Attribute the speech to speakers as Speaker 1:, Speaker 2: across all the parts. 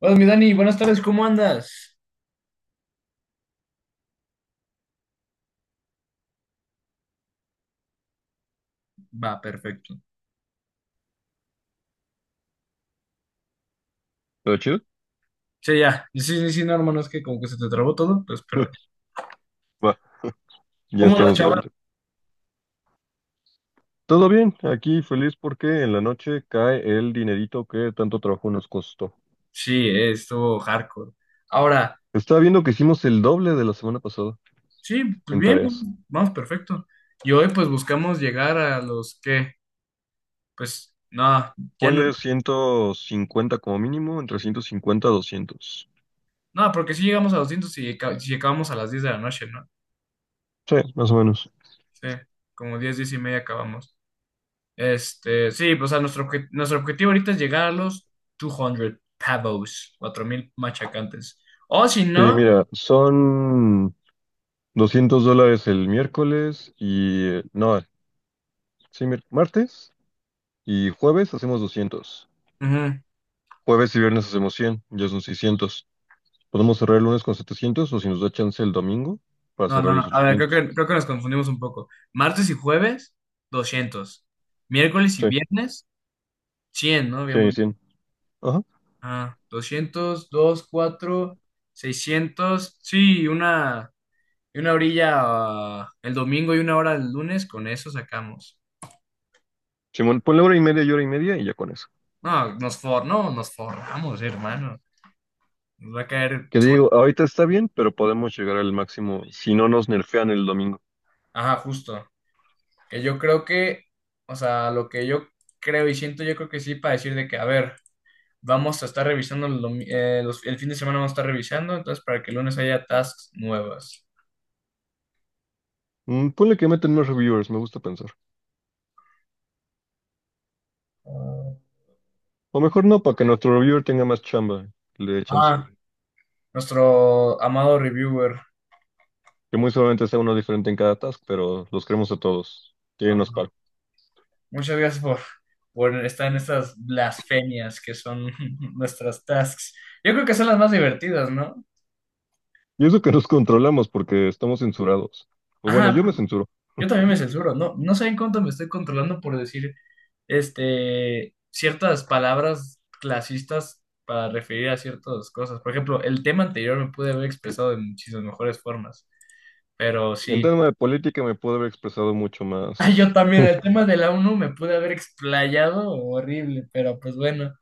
Speaker 1: Hola, mi Dani, buenas tardes, ¿cómo andas? Va, perfecto.
Speaker 2: ¿Todo chido?
Speaker 1: Sí, ya. Sí, sí, sí, no, hermano, es que como que se te trabó todo, pues, pero ya.
Speaker 2: Va, ya
Speaker 1: ¿Cómo andas,
Speaker 2: estamos de
Speaker 1: chaval?
Speaker 2: vuelta. Todo bien, aquí feliz porque en la noche cae el dinerito que tanto trabajo nos costó.
Speaker 1: Sí, estuvo hardcore. Ahora,
Speaker 2: Estaba viendo que hicimos el doble de la semana pasada
Speaker 1: sí, pues
Speaker 2: en
Speaker 1: bien,
Speaker 2: tareas.
Speaker 1: vamos, perfecto. Y hoy, pues, buscamos llegar a los que, pues, no, ya no,
Speaker 2: Ponle 150 como mínimo, entre 150 a 200.
Speaker 1: no, porque si llegamos a doscientos 200 y si acabamos a las 10 de la noche, ¿no?
Speaker 2: Sí, más o menos.
Speaker 1: Sí, como 10 10 y media acabamos. Este, sí, pues, o sea, nuestro objetivo ahorita es llegar a los 200 pavos, 4,000 machacantes. O si
Speaker 2: Sí,
Speaker 1: no,
Speaker 2: mira, son $200 el miércoles y... no, sí, martes y jueves hacemos 200.
Speaker 1: ujú.
Speaker 2: Jueves y viernes hacemos 100, ya son 600. Podemos cerrar el lunes con 700 o si nos da chance el domingo para
Speaker 1: No, no,
Speaker 2: cerrar los
Speaker 1: no. A ver,
Speaker 2: 800.
Speaker 1: creo que nos confundimos un poco. Martes y jueves, 200. Miércoles y
Speaker 2: Sí,
Speaker 1: viernes, 100, ¿no?
Speaker 2: sí, 100. Ajá.
Speaker 1: Ah, 200 2 4 seiscientos. Sí, una, y una orilla, ah, el domingo y una hora el lunes, con eso sacamos.
Speaker 2: Simón, ponle hora y media y hora y media y ya con eso.
Speaker 1: No, no, nos forramos, hermano. Nos va a caer.
Speaker 2: Que digo, ahorita está bien, pero podemos llegar al máximo si no nos nerfean el domingo.
Speaker 1: Ajá, justo. Que yo creo que, o sea, lo que yo creo y siento, yo creo que sí, para decir de que, a ver, vamos a estar revisando el fin de semana, vamos a estar revisando, entonces para que el lunes haya tasks nuevas.
Speaker 2: Mm, ponle que meten más reviewers, me gusta pensar. O mejor no, para que nuestro reviewer tenga más chamba, que le dé chance.
Speaker 1: Ah, nuestro amado reviewer.
Speaker 2: Que muy seguramente sea uno diferente en cada task, pero los queremos a todos. Que nos
Speaker 1: Ajá.
Speaker 2: paro.
Speaker 1: Muchas gracias por estar en estas blasfemias que son nuestras tasks. Yo creo que son las más divertidas, ¿no?
Speaker 2: Y eso que nos controlamos porque estamos censurados. O bueno,
Speaker 1: Ajá,
Speaker 2: yo me censuro.
Speaker 1: yo también me censuro. No, no saben cuánto me estoy controlando por decir este, ciertas palabras clasistas para referir a ciertas cosas. Por ejemplo, el tema anterior me pude haber expresado de muchísimas mejores formas, pero
Speaker 2: En
Speaker 1: sí.
Speaker 2: tema de política me puedo haber expresado mucho
Speaker 1: Ah, yo
Speaker 2: más.
Speaker 1: también, el tema de la ONU me pude haber explayado horrible, pero pues bueno.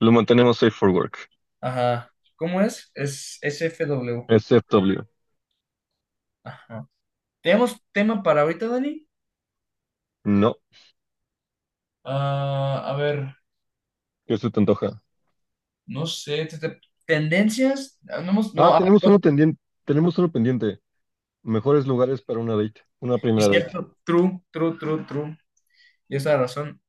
Speaker 2: Lo mantenemos safe for work.
Speaker 1: Ajá. ¿Cómo es? Es SFW.
Speaker 2: SFW.
Speaker 1: Ajá. ¿Tenemos tema para ahorita, Dani?
Speaker 2: No,
Speaker 1: Ah, a ver,
Speaker 2: ¿qué se te antoja?
Speaker 1: no sé. ¿Tendencias? No,
Speaker 2: Ah,
Speaker 1: no, a ver,
Speaker 2: tenemos uno pendiente. Tenemos uno pendiente. Mejores lugares para una date, una
Speaker 1: es
Speaker 2: primera date.
Speaker 1: cierto. True, true, true, true. Y esa razón.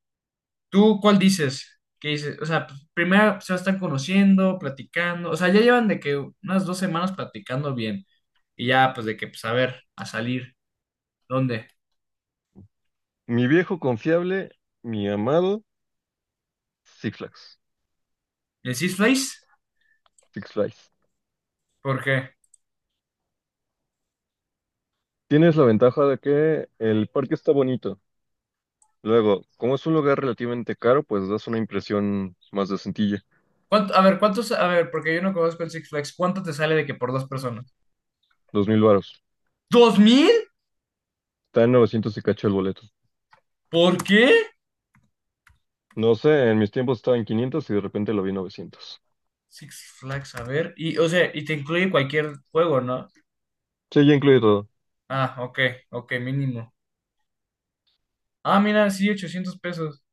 Speaker 1: ¿Tú cuál dices? ¿Qué dices? O sea, pues, primero se están conociendo, platicando, o sea, ya llevan de que unas 2 semanas platicando bien y ya pues de que pues a ver, a salir, ¿dónde?
Speaker 2: Mi viejo confiable, mi amado Six Flags.
Speaker 1: ¿En el Six Flags?
Speaker 2: Six Flags.
Speaker 1: ¿Por qué?
Speaker 2: Tienes la ventaja de que el parque está bonito. Luego, como es un lugar relativamente caro, pues das una impresión más decentilla.
Speaker 1: A ver, ¿cuántos? A ver, porque yo no conozco el Six Flags, ¿cuánto te sale de que por dos personas?
Speaker 2: Dos mil varos.
Speaker 1: ¿2,000?
Speaker 2: Está en novecientos y cacho el boleto.
Speaker 1: ¿Por qué?
Speaker 2: No sé, en mis tiempos estaba en 500 y de repente lo vi en 900.
Speaker 1: Six Flags, a ver, y te incluye cualquier juego, ¿no?
Speaker 2: Sí, ya incluye todo.
Speaker 1: Ah, ok, ok, mínimo. Ah, mira, sí, 800 pesos,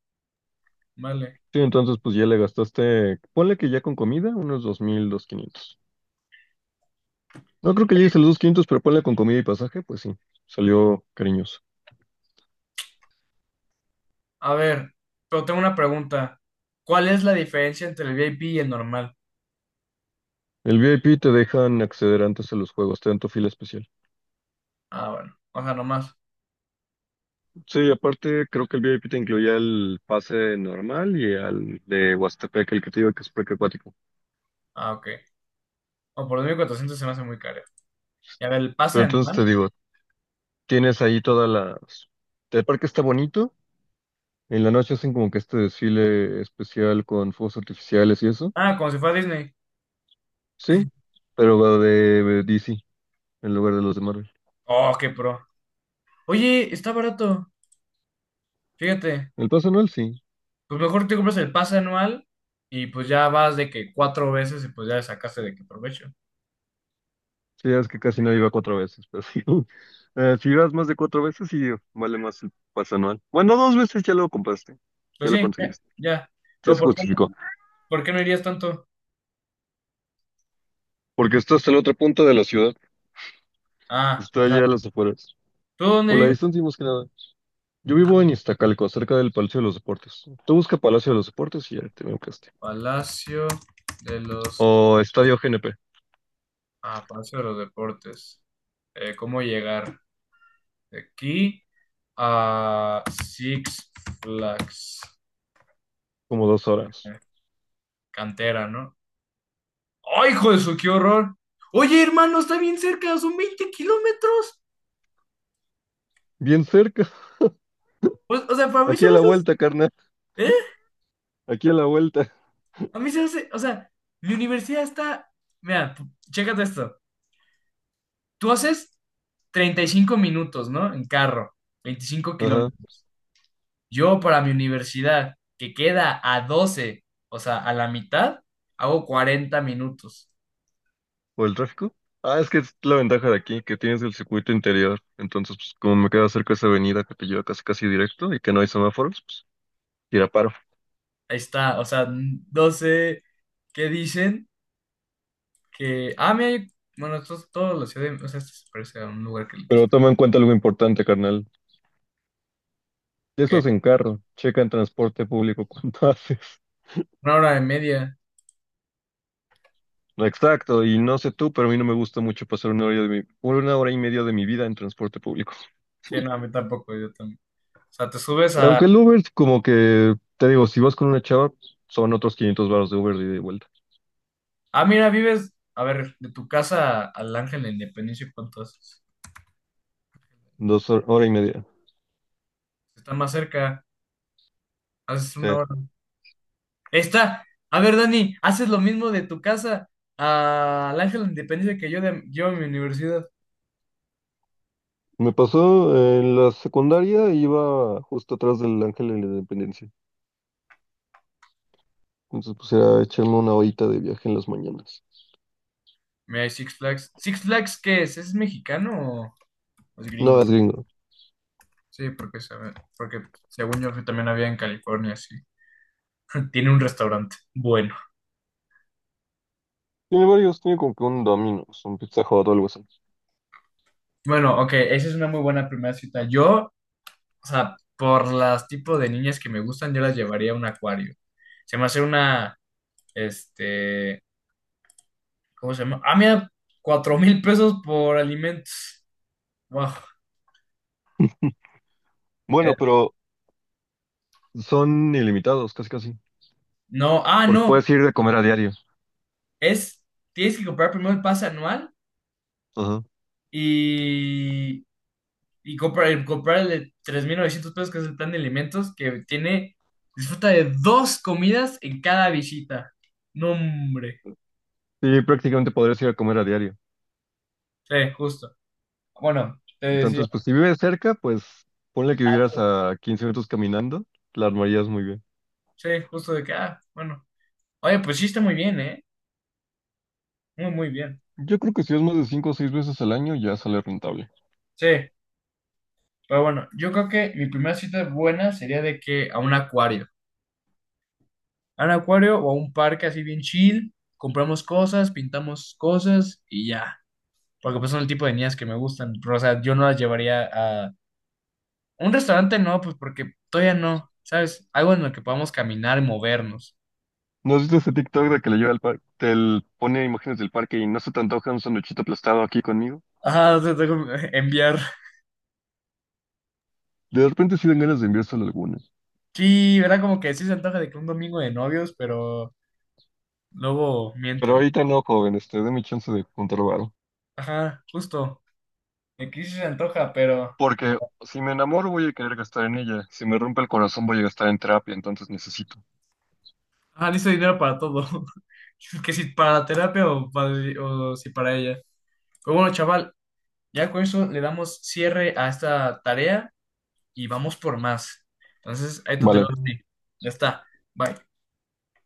Speaker 1: vale.
Speaker 2: Sí, entonces pues ya le gastaste, ponle que ya con comida, unos dos mil, dos quinientos. No creo que llegues a los dos quinientos, pero ponle con comida y pasaje, pues sí, salió cariñoso.
Speaker 1: A ver, pero tengo una pregunta. ¿Cuál es la diferencia entre el VIP y el normal?
Speaker 2: El VIP te dejan acceder antes a los juegos, te dan tu fila especial.
Speaker 1: Ah, bueno. O sea, nomás.
Speaker 2: Sí, aparte creo que el VIP te incluía el pase normal y al de Huastepec, el que te digo que es parque acuático.
Speaker 1: Ah, ok. O por 2,400 se me hace muy caro. Y a ver, ¿el pase
Speaker 2: Pero entonces te
Speaker 1: anual?
Speaker 2: digo, tienes ahí todas las... El parque está bonito, en la noche hacen como que este desfile especial con fuegos artificiales y eso,
Speaker 1: Ah, como si fuera Disney.
Speaker 2: sí, pero va de DC en lugar de los de Marvel.
Speaker 1: Oh, qué pro. Oye, está barato. Fíjate.
Speaker 2: El pase Noel, sí.
Speaker 1: Pues mejor te compras el pase anual y pues ya vas de que cuatro veces y pues ya le sacaste de que provecho.
Speaker 2: Sí, es que casi nadie va cuatro veces, pero sí. Si vas más de cuatro veces, sí, vale más el pase anual. Bueno, dos veces ya lo compraste, ya
Speaker 1: Pues
Speaker 2: lo
Speaker 1: sí, ya,
Speaker 2: conseguiste,
Speaker 1: ya.
Speaker 2: ya
Speaker 1: Pero
Speaker 2: se justificó.
Speaker 1: ¿por qué no irías tanto?
Speaker 2: Porque estás en la otra punta de la ciudad,
Speaker 1: Ah,
Speaker 2: está
Speaker 1: o sea,
Speaker 2: allá a las afueras.
Speaker 1: ¿tú dónde
Speaker 2: Por la
Speaker 1: vives?
Speaker 2: distancia, y más que nada. Yo vivo en Iztacalco, cerca del Palacio de los Deportes. Tú busca Palacio de los Deportes y ya te ubicaste.
Speaker 1: Palacio de los
Speaker 2: O Estadio GNP,
Speaker 1: Ah, paso de los deportes. ¿Cómo llegar de aquí a Six Flags?
Speaker 2: como dos horas.
Speaker 1: Eh, Cantera, ¿no? ¡Ay, hijo de su, qué horror! Oye, hermano, está bien cerca, son 20 kilómetros.
Speaker 2: Bien cerca,
Speaker 1: O sea, para mí se
Speaker 2: aquí a
Speaker 1: me
Speaker 2: la
Speaker 1: hace.
Speaker 2: vuelta, carnal,
Speaker 1: ¿Eh?
Speaker 2: aquí a la vuelta.
Speaker 1: A mí se me hace. O sea, mi universidad está. Mira, chécate esto. Tú haces 35 minutos, ¿no? En carro, veinticinco
Speaker 2: Ajá.
Speaker 1: kilómetros. Yo para mi universidad, que queda a 12, o sea, a la mitad, hago 40 minutos.
Speaker 2: ¿O el tráfico? Ah, es que es la ventaja de aquí, que tienes el circuito interior. Entonces, pues, como me queda cerca esa avenida que te lleva casi casi directo y que no hay semáforos, pues tira paro.
Speaker 1: Ahí está, o sea, 12, ¿qué dicen? Que, ah, mira, bueno, esto es todo la ciudad, o sea, esto se parece a un lugar
Speaker 2: Pero toma en cuenta algo importante, carnal. Eso
Speaker 1: que
Speaker 2: es en carro. Checa en transporte público cuando haces.
Speaker 1: una hora y media.
Speaker 2: Exacto, y no sé tú, pero a mí no me gusta mucho pasar una hora de mi, una hora y media de mi vida en transporte público.
Speaker 1: Sí, no, a mí tampoco, yo también. O sea, te subes a,
Speaker 2: Aunque el Uber, como que, te digo, si vas con una chava, son otros 500 baros de Uber de ida y vuelta.
Speaker 1: ah, mira, vives, a ver, de tu casa al Ángel de la Independencia, ¿cuánto haces?
Speaker 2: Hora y media.
Speaker 1: Está más cerca, haces una
Speaker 2: Sí.
Speaker 1: hora. Está. A ver, Dani, haces lo mismo de tu casa al Ángel de la Independencia que yo a mi universidad.
Speaker 2: Me pasó en la secundaria, iba justo atrás del Ángel de la Independencia. Entonces, pues era echarme una horita de viaje en las mañanas.
Speaker 1: Mira, hay Six Flags. ¿Six Flags qué es? ¿Es mexicano o es
Speaker 2: No,
Speaker 1: gringo?
Speaker 2: es gringo.
Speaker 1: Sí, porque según yo también había en California, sí. Tiene un restaurante. Bueno.
Speaker 2: Tiene varios, tiene como que un Domino's, un Pizza Hut o algo así.
Speaker 1: Bueno, ok, esa es una muy buena primera cita. Yo, o sea, por las tipos de niñas que me gustan, yo las llevaría a un acuario. Se me hace una, este, ¿cómo se llama? Ah, mira, 4,000 pesos por alimentos. Wow. Eh,
Speaker 2: Bueno, pero son ilimitados, casi casi.
Speaker 1: no, ah,
Speaker 2: Porque
Speaker 1: no,
Speaker 2: puedes ir a comer a diario.
Speaker 1: es, tienes que comprar primero el pase anual
Speaker 2: Ajá.
Speaker 1: y, y comprar el de 3,900 pesos, que es el plan de alimentos, que tiene, disfruta de dos comidas en cada visita. No, hombre,
Speaker 2: Sí, prácticamente podrías ir a comer a diario.
Speaker 1: sí, justo. Bueno, te decía,
Speaker 2: Entonces, pues si vives cerca, pues ponle que vivieras a 15 minutos caminando, la armarías muy bien.
Speaker 1: sí, justo de que, ah, bueno. Oye, pues sí está muy bien, ¿eh? Muy, muy bien.
Speaker 2: Yo creo que si es más de 5 o 6 veces al año, ya sale rentable.
Speaker 1: Sí, pero bueno, yo creo que mi primera cita buena sería de que a un acuario. A un acuario o a un parque así bien chill, compramos cosas, pintamos cosas y ya. Porque pues son el tipo de niñas que me gustan, pero o sea, yo no las llevaría a un restaurante, no, pues porque todavía no, ¿sabes? Algo en lo que podamos caminar y movernos.
Speaker 2: ¿No has visto ese TikTok de que le lleva al parque, pone imágenes del parque y no se te antoja un sanduchito aplastado aquí conmigo?
Speaker 1: Ah, te tengo que enviar.
Speaker 2: De repente sí dan ganas de enviárselo a algunas.
Speaker 1: Sí, era como que sí se antoja de que un domingo de novios, pero luego
Speaker 2: Pero
Speaker 1: mienten.
Speaker 2: ahorita no, joven, este, mi chance de juntar varo.
Speaker 1: Ajá, justo. Aquí sí se antoja, pero.
Speaker 2: Porque si me enamoro voy a querer gastar en ella. Si me rompe el corazón voy a gastar en terapia, entonces necesito.
Speaker 1: Ah, listo dinero para todo. Que si para la terapia o si para ella. Pues bueno, chaval, ya con eso le damos cierre a esta tarea y vamos por más. Entonces, ahí te veo a
Speaker 2: Vale.
Speaker 1: Ya está. Bye.